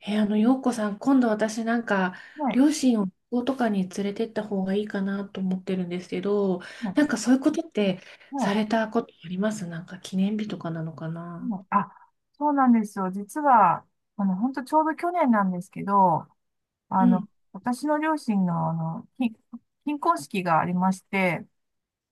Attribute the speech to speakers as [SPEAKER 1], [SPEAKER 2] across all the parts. [SPEAKER 1] え、あの、洋子さん、今度私
[SPEAKER 2] はい、
[SPEAKER 1] 両親を旅行とかに連れてった方がいいかなと思ってるんですけど、
[SPEAKER 2] はい、
[SPEAKER 1] そういうことって
[SPEAKER 2] は
[SPEAKER 1] されたことあります？なんか記念日とかなのか
[SPEAKER 2] い、
[SPEAKER 1] な？
[SPEAKER 2] はいあ、そうなんですよ。実は、本当ちょうど去年なんですけど、あ
[SPEAKER 1] う
[SPEAKER 2] の、
[SPEAKER 1] ん。
[SPEAKER 2] 私の両親の、金婚式がありまして、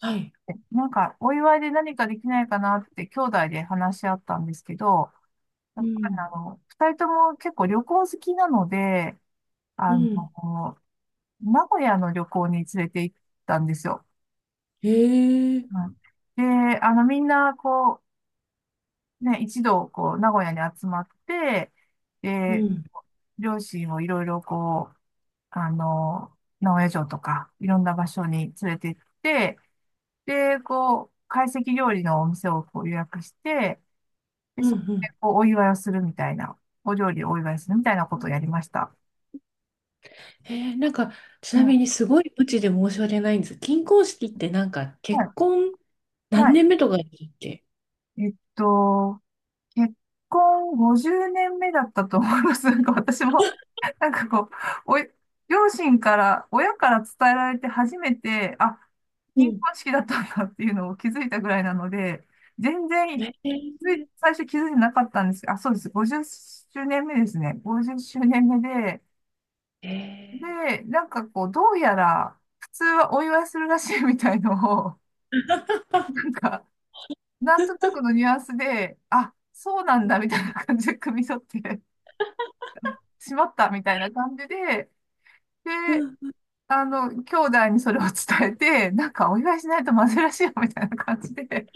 [SPEAKER 1] はい。
[SPEAKER 2] なんか、お祝いで何かできないかなって、兄弟で話し合ったんですけど、や
[SPEAKER 1] う
[SPEAKER 2] っぱり
[SPEAKER 1] ん。
[SPEAKER 2] 二人とも結構旅行好きなので、
[SPEAKER 1] う
[SPEAKER 2] あ
[SPEAKER 1] ん。
[SPEAKER 2] の、名古屋の旅行に連れて行ったんですよ。
[SPEAKER 1] へえ。
[SPEAKER 2] うん。で、みんな、こう、ね、一度、こう、名古屋に集まって、
[SPEAKER 1] う
[SPEAKER 2] で、
[SPEAKER 1] ん。
[SPEAKER 2] 両親をいろいろ、こう、名古屋城とか、いろんな場所に連れて行って、で、こう、懐石料理のお店をこう予約して、で、
[SPEAKER 1] うんう
[SPEAKER 2] そこで、
[SPEAKER 1] ん。
[SPEAKER 2] こう、お祝いをするみたいな、お料理をお祝いするみたいなことをやりました。
[SPEAKER 1] えー、なんか、ち
[SPEAKER 2] うん。
[SPEAKER 1] なみ
[SPEAKER 2] は
[SPEAKER 1] にすごい無知で申し訳ないんです。金婚式ってなんか結
[SPEAKER 2] い。
[SPEAKER 1] 婚何
[SPEAKER 2] は
[SPEAKER 1] 年目とかだっけ？
[SPEAKER 2] い。結婚50年目だったと思います。なんか私も、なんかこう、おい、両親から、親から伝えられて初めて、あ、
[SPEAKER 1] う
[SPEAKER 2] 金
[SPEAKER 1] ん。
[SPEAKER 2] 婚式だったんだっていうのを気づいたぐらいなので、全然、
[SPEAKER 1] え
[SPEAKER 2] つい
[SPEAKER 1] ー、
[SPEAKER 2] 最初気づいてなかったんですけど、あ、そうです。50周年目ですね。50周年目で、
[SPEAKER 1] え
[SPEAKER 2] なんかこう、どうやら、普通はお祝いするらしいみたいのを、
[SPEAKER 1] ー。
[SPEAKER 2] なん か、なんとなくのニュアンスで、あ、そうなんだみたいな
[SPEAKER 1] う
[SPEAKER 2] 感じで汲み取って、しまったみたいな感じで、で、
[SPEAKER 1] ん。
[SPEAKER 2] 兄弟にそれを伝えて、なんかお祝いしないとまずいらしいよみたいな感じで、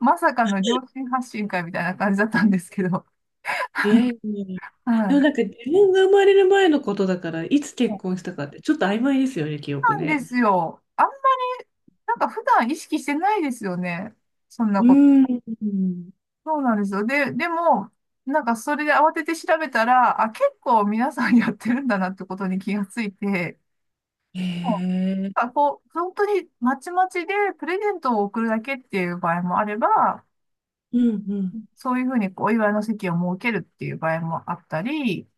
[SPEAKER 2] まさかの両親発信会みたいな感じだったんですけど、
[SPEAKER 1] いやいやいや。
[SPEAKER 2] は
[SPEAKER 1] でも
[SPEAKER 2] い。
[SPEAKER 1] なんか自分が生まれる前のことだから、いつ
[SPEAKER 2] そ
[SPEAKER 1] 結
[SPEAKER 2] う
[SPEAKER 1] 婚したかってちょっと曖昧ですよね、記憶
[SPEAKER 2] なんで
[SPEAKER 1] ね。
[SPEAKER 2] すよ。なんか普段意識してないですよね。そん
[SPEAKER 1] う
[SPEAKER 2] なこと。
[SPEAKER 1] ーん。
[SPEAKER 2] そうなんですよ。でも、なんかそれで慌てて調べたら、あ、結構皆さんやってるんだなってことに気がついて、
[SPEAKER 1] へ
[SPEAKER 2] もうなん
[SPEAKER 1] え。
[SPEAKER 2] かこう、本当にまちまちでプレゼントを送るだけっていう場合もあれば、
[SPEAKER 1] うんうん。
[SPEAKER 2] そういうふうにお祝いの席を設けるっていう場合もあったり、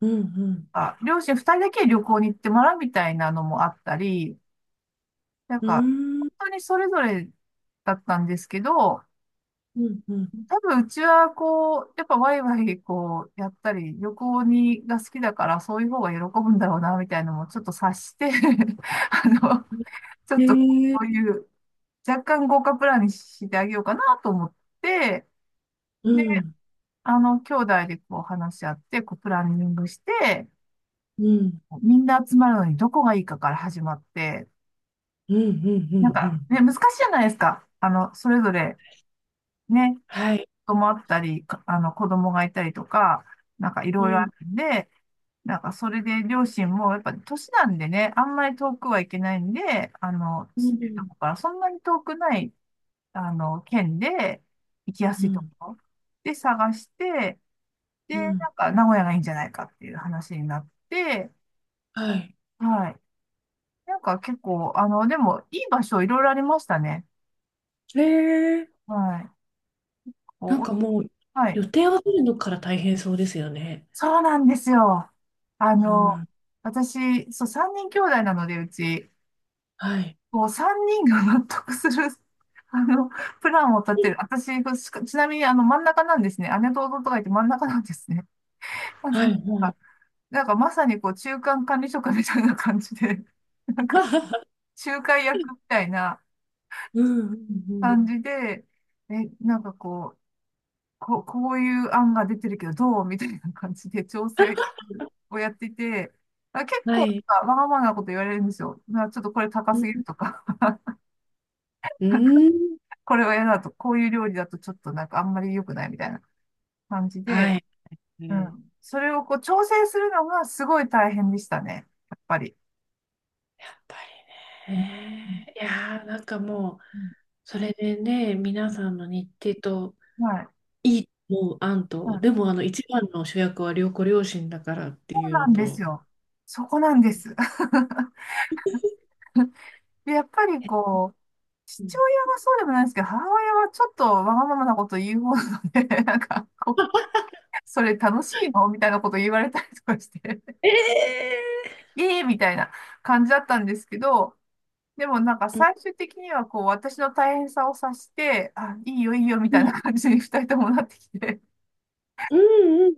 [SPEAKER 1] うんうん。
[SPEAKER 2] あ、両親二人だけ旅行に行ってもらうみたいなのもあったり、なん
[SPEAKER 1] う
[SPEAKER 2] か、
[SPEAKER 1] ーん。
[SPEAKER 2] 本当にそれぞれだったんですけど、
[SPEAKER 1] うんうん。
[SPEAKER 2] 多分うちはこう、やっぱワイワイこうやったり、旅行にが好きだからそういう方が喜ぶんだろうな、みたいなのもちょっと察して あの、ちょ
[SPEAKER 1] へ
[SPEAKER 2] っとこ
[SPEAKER 1] え。
[SPEAKER 2] ういう若干豪華プランにしてあげようかなと思って、で
[SPEAKER 1] うん。
[SPEAKER 2] 兄弟でこう話し合って、こうプランニングして、
[SPEAKER 1] うん。
[SPEAKER 2] みんな集まるのにどこがいいかから始まって、
[SPEAKER 1] うんうんうん
[SPEAKER 2] なん
[SPEAKER 1] う
[SPEAKER 2] か
[SPEAKER 1] ん。
[SPEAKER 2] ね、難しいじゃないですか。それぞれね、
[SPEAKER 1] はい。
[SPEAKER 2] 子供あったり、かあの、子供がいたりとか、なんかい
[SPEAKER 1] う
[SPEAKER 2] ろいろあ
[SPEAKER 1] ん。
[SPEAKER 2] るんで、なんかそれで両親もやっぱ年なんでね、あんまり遠くはいけないんで、
[SPEAKER 1] うん
[SPEAKER 2] 住んで
[SPEAKER 1] う
[SPEAKER 2] ると
[SPEAKER 1] ん
[SPEAKER 2] こからそんなに遠くない、県で行きやすいところで探して、で、
[SPEAKER 1] うん。
[SPEAKER 2] なんか、名古屋がいいんじゃないかっていう話になって、
[SPEAKER 1] はい。
[SPEAKER 2] はい。なんか結構、でも、いい場所いろいろありましたね。
[SPEAKER 1] へえ。
[SPEAKER 2] はい。
[SPEAKER 1] なん
[SPEAKER 2] こ
[SPEAKER 1] かもう
[SPEAKER 2] う、は
[SPEAKER 1] 予
[SPEAKER 2] い。
[SPEAKER 1] 定を取るのから大変そうですよね。
[SPEAKER 2] そうなんですよ。あ
[SPEAKER 1] う
[SPEAKER 2] の、
[SPEAKER 1] ん。
[SPEAKER 2] 私、そう、3人兄弟なので、うち、
[SPEAKER 1] はい。
[SPEAKER 2] こう、3人が納得する、あの、プランを立てる。私、ちなみに、真ん中なんですね。姉と弟がいて真ん中なんですね。あの、
[SPEAKER 1] は
[SPEAKER 2] な
[SPEAKER 1] い
[SPEAKER 2] ん
[SPEAKER 1] は
[SPEAKER 2] か、
[SPEAKER 1] い。
[SPEAKER 2] なんか、まさに、こう、中間管理職みたいな感じで、なんか、仲介役みたいな、
[SPEAKER 1] うんうんうん。
[SPEAKER 2] 感じで、え、なんかこう、こういう案が出てるけど、どうみたいな感じで調整をやっていて、あ、結構
[SPEAKER 1] は
[SPEAKER 2] なん
[SPEAKER 1] い。
[SPEAKER 2] かわがままなこと言われるんですよ。ちょっとこれ高
[SPEAKER 1] う
[SPEAKER 2] すぎる
[SPEAKER 1] ん。
[SPEAKER 2] とか、
[SPEAKER 1] うん
[SPEAKER 2] これは嫌だと、こういう料理だとちょっとなんかあんまり良くないみたいな感じで、
[SPEAKER 1] はい。
[SPEAKER 2] う
[SPEAKER 1] ね。
[SPEAKER 2] ん。それをこう調整するのがすごい大変でしたね。やっぱり。
[SPEAKER 1] やっぱり
[SPEAKER 2] うん
[SPEAKER 1] ね。いやー、なんかもう、
[SPEAKER 2] うん。
[SPEAKER 1] それでね、皆さんの日程と、
[SPEAKER 2] はい。
[SPEAKER 1] いいと思う案
[SPEAKER 2] う
[SPEAKER 1] と、
[SPEAKER 2] ん。
[SPEAKER 1] でも、一番の主役は良子両親だからって
[SPEAKER 2] そう
[SPEAKER 1] いうの
[SPEAKER 2] なんです
[SPEAKER 1] と、
[SPEAKER 2] よ。そこなんです。で、やっぱり
[SPEAKER 1] え、
[SPEAKER 2] こう、
[SPEAKER 1] う
[SPEAKER 2] 父
[SPEAKER 1] ん。
[SPEAKER 2] 親がそうでもないですけど、母親はちょっとわがままなこと言う方なので、なんか、こう、それ楽しいのみたいなこと言われたりとかして、
[SPEAKER 1] え
[SPEAKER 2] ええみたいな感じだったんですけど、でもなんか
[SPEAKER 1] ー、
[SPEAKER 2] 最終的にはこう、私の大変さを察して、あ、いいよいいよみ
[SPEAKER 1] う
[SPEAKER 2] たいな
[SPEAKER 1] ん、
[SPEAKER 2] 感じに 二人ともなってきて、
[SPEAKER 1] うんうん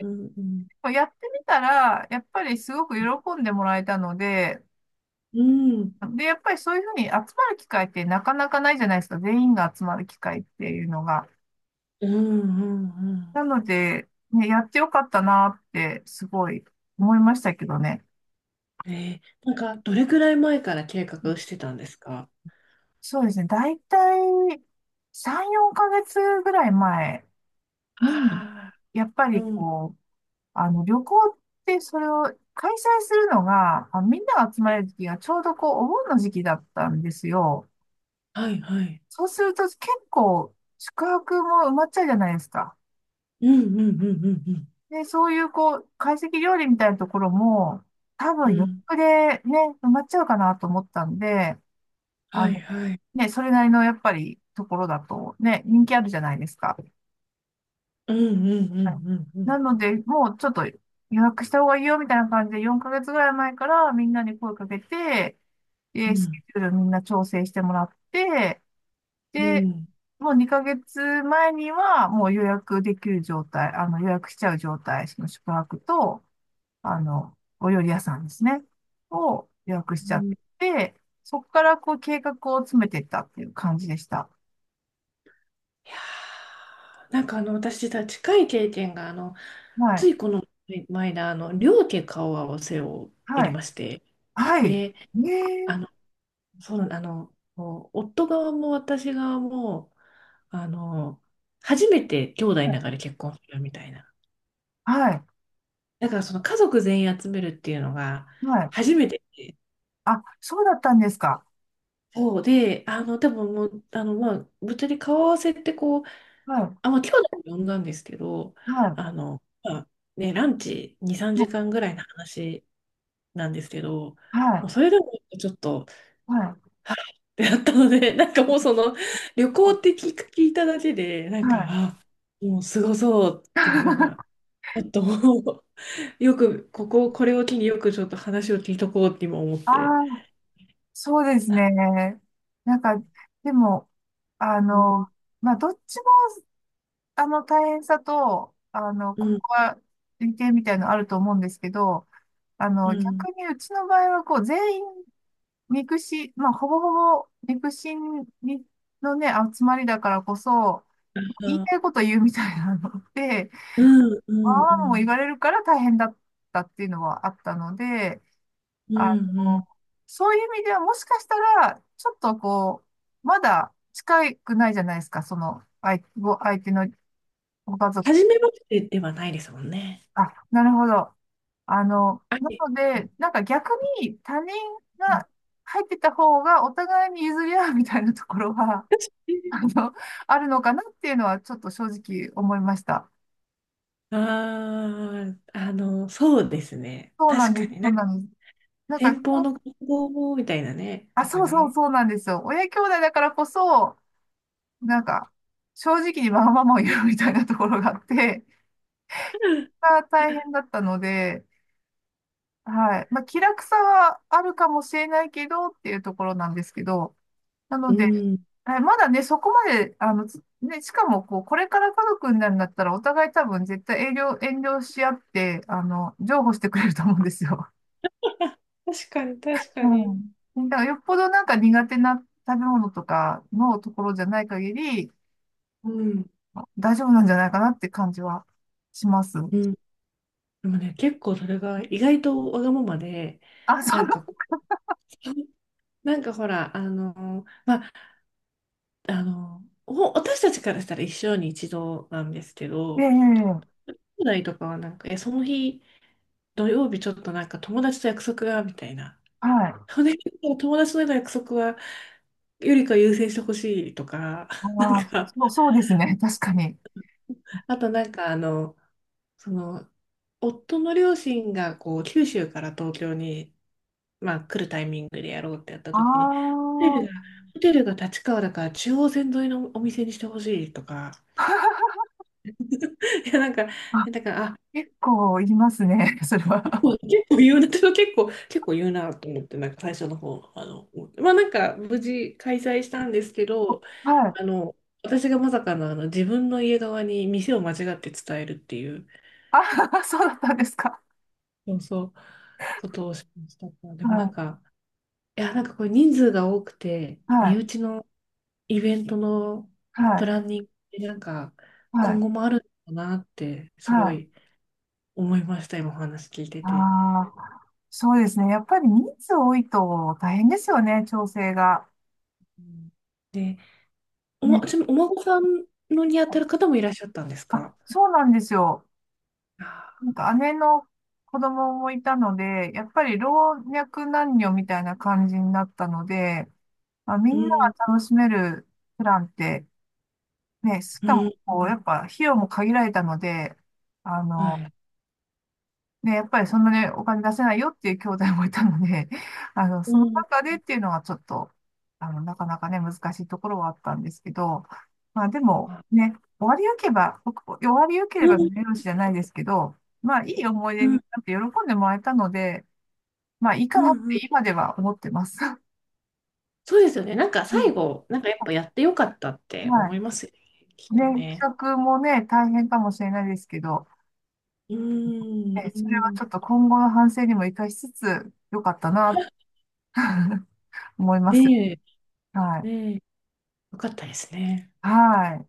[SPEAKER 1] うんうんうんうん。
[SPEAKER 2] やってみたら、やっぱりすごく喜んでもらえたので、
[SPEAKER 1] うん
[SPEAKER 2] で、やっぱりそういうふうに集まる機会ってなかなかないじゃないですか。全員が集まる機会っていうのが。
[SPEAKER 1] うんう
[SPEAKER 2] な
[SPEAKER 1] ん
[SPEAKER 2] ので、ね、やってよかったなって、すごい思いましたけどね。
[SPEAKER 1] うん。どれくらい前から計画してたんですか？
[SPEAKER 2] そうですね。だいたい3、4ヶ月ぐらい前に、
[SPEAKER 1] あ
[SPEAKER 2] やっぱ
[SPEAKER 1] あー。
[SPEAKER 2] り
[SPEAKER 1] うん。
[SPEAKER 2] こう、旅行ってそれを開催するのが、あ、みんなが集まれる時がちょうどこう、お盆の時期だったんですよ。
[SPEAKER 1] はいはい。
[SPEAKER 2] そうすると結構宿泊も埋まっちゃうじゃないですか。
[SPEAKER 1] うんうんうんうん
[SPEAKER 2] で、そういうこう、懐石料理みたいなところも、多
[SPEAKER 1] う
[SPEAKER 2] 分
[SPEAKER 1] ん。う
[SPEAKER 2] 予
[SPEAKER 1] ん。
[SPEAKER 2] 約でね、埋まっちゃうかなと思ったんで、あ
[SPEAKER 1] はい
[SPEAKER 2] の、
[SPEAKER 1] はい。
[SPEAKER 2] ね、それなりのやっぱりところだとね、人気あるじゃないですか。
[SPEAKER 1] うんうんう
[SPEAKER 2] はい。
[SPEAKER 1] んうんう
[SPEAKER 2] なの
[SPEAKER 1] ん。
[SPEAKER 2] で、もうちょっと予約した方がいいよみたいな感じで4ヶ月ぐらい前からみんなに声かけて、
[SPEAKER 1] う
[SPEAKER 2] で、ス
[SPEAKER 1] ん。
[SPEAKER 2] ケジュールみんな調整してもらって、
[SPEAKER 1] う
[SPEAKER 2] で、
[SPEAKER 1] ん。
[SPEAKER 2] もう2ヶ月前にはもう予約できる状態、あの予約しちゃう状態、その宿泊と、あの、お料理屋さんですね、を予約し
[SPEAKER 1] う
[SPEAKER 2] ちゃっ
[SPEAKER 1] ん。い
[SPEAKER 2] て、そこからこう計画を詰めていったっていう感じでした。
[SPEAKER 1] やー、私実は近い経験が、
[SPEAKER 2] はい。
[SPEAKER 1] ついこの前だ、両家顔合わせをや
[SPEAKER 2] は
[SPEAKER 1] り
[SPEAKER 2] い。
[SPEAKER 1] まして。
[SPEAKER 2] はい。
[SPEAKER 1] で、
[SPEAKER 2] ね
[SPEAKER 1] あの、
[SPEAKER 2] え。
[SPEAKER 1] そう、こう夫側も私側も、あの、初めて兄弟の中で結婚するみたいな。
[SPEAKER 2] はい。
[SPEAKER 1] だからその家族全員集めるっていうのが、
[SPEAKER 2] はい。
[SPEAKER 1] 初めて。
[SPEAKER 2] あ、そうだったんですか。
[SPEAKER 1] そうで、多分もう、まあ、ぶっちゃけ顔合わせってこう、
[SPEAKER 2] はい。
[SPEAKER 1] あ、まあ、兄弟を呼んだんですけど、
[SPEAKER 2] は
[SPEAKER 1] まあ、ね、ランチ2、3
[SPEAKER 2] い。も
[SPEAKER 1] 時間ぐらいの話なんですけど、
[SPEAKER 2] う、は
[SPEAKER 1] もう
[SPEAKER 2] い。
[SPEAKER 1] それでもちょっと、
[SPEAKER 2] はい。
[SPEAKER 1] はいってなったので、なんかもうその、旅行って聞く、聞いただけで、な
[SPEAKER 2] は
[SPEAKER 1] んか、
[SPEAKER 2] い。
[SPEAKER 1] あ、もうすごそうっていうのが、ちょっともう、よく、ここ、これを機によくちょっと話を聞いとこうって今思っ
[SPEAKER 2] あ
[SPEAKER 1] て。
[SPEAKER 2] あ、そうですね。なんか、でも、あ
[SPEAKER 1] う
[SPEAKER 2] の、
[SPEAKER 1] ん、
[SPEAKER 2] まあ、どっちも、大変さと、
[SPEAKER 1] う
[SPEAKER 2] こ
[SPEAKER 1] ん、
[SPEAKER 2] こは、利点みたいなのあると思うんですけど、
[SPEAKER 1] うん、
[SPEAKER 2] 逆にうちの場合は、こう、全員ミクシィ、まあ、ほぼほぼミクシにのね、集まりだからこそ、言い
[SPEAKER 1] あ、
[SPEAKER 2] たいこと言うみたいなので、
[SPEAKER 1] うん、う
[SPEAKER 2] まあ
[SPEAKER 1] ん、
[SPEAKER 2] ま
[SPEAKER 1] う
[SPEAKER 2] あも言わ
[SPEAKER 1] ん。
[SPEAKER 2] れるから大変だったっていうのはあったので、
[SPEAKER 1] うん
[SPEAKER 2] あ
[SPEAKER 1] う
[SPEAKER 2] の、
[SPEAKER 1] ん。
[SPEAKER 2] そういう意味ではもしかしたら、ちょっとこう、まだ近くないじゃないですか、その、相手のご家族と。
[SPEAKER 1] 初めましてではないですもんね。
[SPEAKER 2] あ、なるほど。
[SPEAKER 1] は
[SPEAKER 2] な
[SPEAKER 1] い。
[SPEAKER 2] ので、なんか逆に他人
[SPEAKER 1] うん。
[SPEAKER 2] が入ってた方がお互いに譲り合うみたいなところは、
[SPEAKER 1] 確かに。
[SPEAKER 2] あのあるのかなっていうのはちょっと正直思いました。
[SPEAKER 1] ああ、そうですね。
[SPEAKER 2] そうなん
[SPEAKER 1] 確
[SPEAKER 2] で
[SPEAKER 1] か
[SPEAKER 2] す、
[SPEAKER 1] に、
[SPEAKER 2] そ
[SPEAKER 1] な
[SPEAKER 2] う
[SPEAKER 1] んか、
[SPEAKER 2] なんです。なんか、
[SPEAKER 1] 先方の活動みたいなね、
[SPEAKER 2] あ、
[SPEAKER 1] とか
[SPEAKER 2] そうそう、
[SPEAKER 1] ね。
[SPEAKER 2] そうなんですよ。親兄弟だからこそ、なんか、正直にわがままを言うみたいなところがあって、が大変だったので、はい。まあ、気楽さはあるかもしれないけどっていうところなんですけど、な
[SPEAKER 1] う
[SPEAKER 2] ので、
[SPEAKER 1] ん、
[SPEAKER 2] はい、まだね、そこまで、しかも、こう、これから家族になるんだったら、お互い多分絶対遠慮し合って、譲歩してくれると思うんですよ。
[SPEAKER 1] 確かに、確かに。
[SPEAKER 2] うん。だからよっぽどなんか苦手な食べ物とかのところじゃない限り、
[SPEAKER 1] うん、
[SPEAKER 2] 大丈夫なんじゃないかなって感じはします。
[SPEAKER 1] うん。でもね、結構それが意外とわがままで、
[SPEAKER 2] あ、そ
[SPEAKER 1] なんかこう、なんかほら、お私たちからしたら一生に一度なんですけ
[SPEAKER 2] う、え
[SPEAKER 1] ど、
[SPEAKER 2] え、
[SPEAKER 1] 兄弟とかはなんか、え、その日、土曜日ちょっとなんか友達と約束が、みたいな。
[SPEAKER 2] はい。
[SPEAKER 1] それ結構友達との約束は、よりか優先してほしいとか、なん
[SPEAKER 2] ああ、
[SPEAKER 1] か、
[SPEAKER 2] そう、そうですね。確かに。
[SPEAKER 1] あとなんかその、夫の両親がこう、九州から東京に、まあ、来るタイミングでやろうってやった時に、
[SPEAKER 2] あ
[SPEAKER 1] テル
[SPEAKER 2] あ、
[SPEAKER 1] が、ホテルが立川だから中央線沿いのお店にしてほしいとか、いやなんか、
[SPEAKER 2] あ、
[SPEAKER 1] なんか、あ、
[SPEAKER 2] 結構いりますね。それは。
[SPEAKER 1] そう結構言うな、で結構、結構言うなと思って、なんか最初の方、まあなんか無事開催したんですけど、
[SPEAKER 2] はい。
[SPEAKER 1] あの、私がまさかの、あの自分の家側に店を間違って伝えるっていう、
[SPEAKER 2] あ、そうだったんですか。
[SPEAKER 1] そうそう、ことをしました。でもなん
[SPEAKER 2] は
[SPEAKER 1] か、いや、なんかこれ人数が多くて、
[SPEAKER 2] い。は
[SPEAKER 1] 身
[SPEAKER 2] い。
[SPEAKER 1] 内のイベントの
[SPEAKER 2] は
[SPEAKER 1] プ
[SPEAKER 2] い。
[SPEAKER 1] ランニングってなんか、
[SPEAKER 2] は
[SPEAKER 1] 今
[SPEAKER 2] い。
[SPEAKER 1] 後もあるんだなって、す
[SPEAKER 2] は
[SPEAKER 1] ご
[SPEAKER 2] い。
[SPEAKER 1] い思いました、今お話聞いて
[SPEAKER 2] あ
[SPEAKER 1] て。
[SPEAKER 2] あ、そうですね。やっぱり人数多いと大変ですよね、調整が。
[SPEAKER 1] うん。で、おま、ち
[SPEAKER 2] ね。
[SPEAKER 1] なみにお孫さんのにあたる方もいらっしゃったんです
[SPEAKER 2] あ、
[SPEAKER 1] か？
[SPEAKER 2] そうなんですよ。
[SPEAKER 1] あ
[SPEAKER 2] なんか姉の子供もいたので、やっぱり老若男女みたいな感じになったので、まあ、みん
[SPEAKER 1] ー、う
[SPEAKER 2] な
[SPEAKER 1] ん、
[SPEAKER 2] が楽しめるプランって、ね、し
[SPEAKER 1] う
[SPEAKER 2] か
[SPEAKER 1] ん、
[SPEAKER 2] もこう、やっぱ費用も限られたので、あ
[SPEAKER 1] は
[SPEAKER 2] の、
[SPEAKER 1] い。
[SPEAKER 2] ね、やっぱりそんなね、お金出せないよっていう兄弟もいたので、
[SPEAKER 1] う
[SPEAKER 2] その
[SPEAKER 1] ん、
[SPEAKER 2] 中でっていうのはちょっと、なかなかね、難しいところはあったんですけど、まあでも
[SPEAKER 1] あ、
[SPEAKER 2] ね、終わりよけれ
[SPEAKER 1] う
[SPEAKER 2] ば
[SPEAKER 1] ん、
[SPEAKER 2] 見よしじゃないですけど、まあいい思い出
[SPEAKER 1] うん、
[SPEAKER 2] になって喜んでもらえたので、まあいい
[SPEAKER 1] う
[SPEAKER 2] かなっ
[SPEAKER 1] んう
[SPEAKER 2] て
[SPEAKER 1] ん。
[SPEAKER 2] 今では思ってます。
[SPEAKER 1] そうですよね。なんか
[SPEAKER 2] う
[SPEAKER 1] 最
[SPEAKER 2] ん。
[SPEAKER 1] 後、なんかやっぱやってよかったって
[SPEAKER 2] は
[SPEAKER 1] 思いますよね。き
[SPEAKER 2] い。
[SPEAKER 1] っ
[SPEAKER 2] ね、
[SPEAKER 1] とね。
[SPEAKER 2] 企画もね、大変かもしれないですけど、
[SPEAKER 1] うん、
[SPEAKER 2] ね、
[SPEAKER 1] う
[SPEAKER 2] それは
[SPEAKER 1] ん。
[SPEAKER 2] ちょっと今後の反省にも生かしつつ、良かったな、思います。
[SPEAKER 1] で、
[SPEAKER 2] はい。
[SPEAKER 1] ね、よかったですね。
[SPEAKER 2] はい。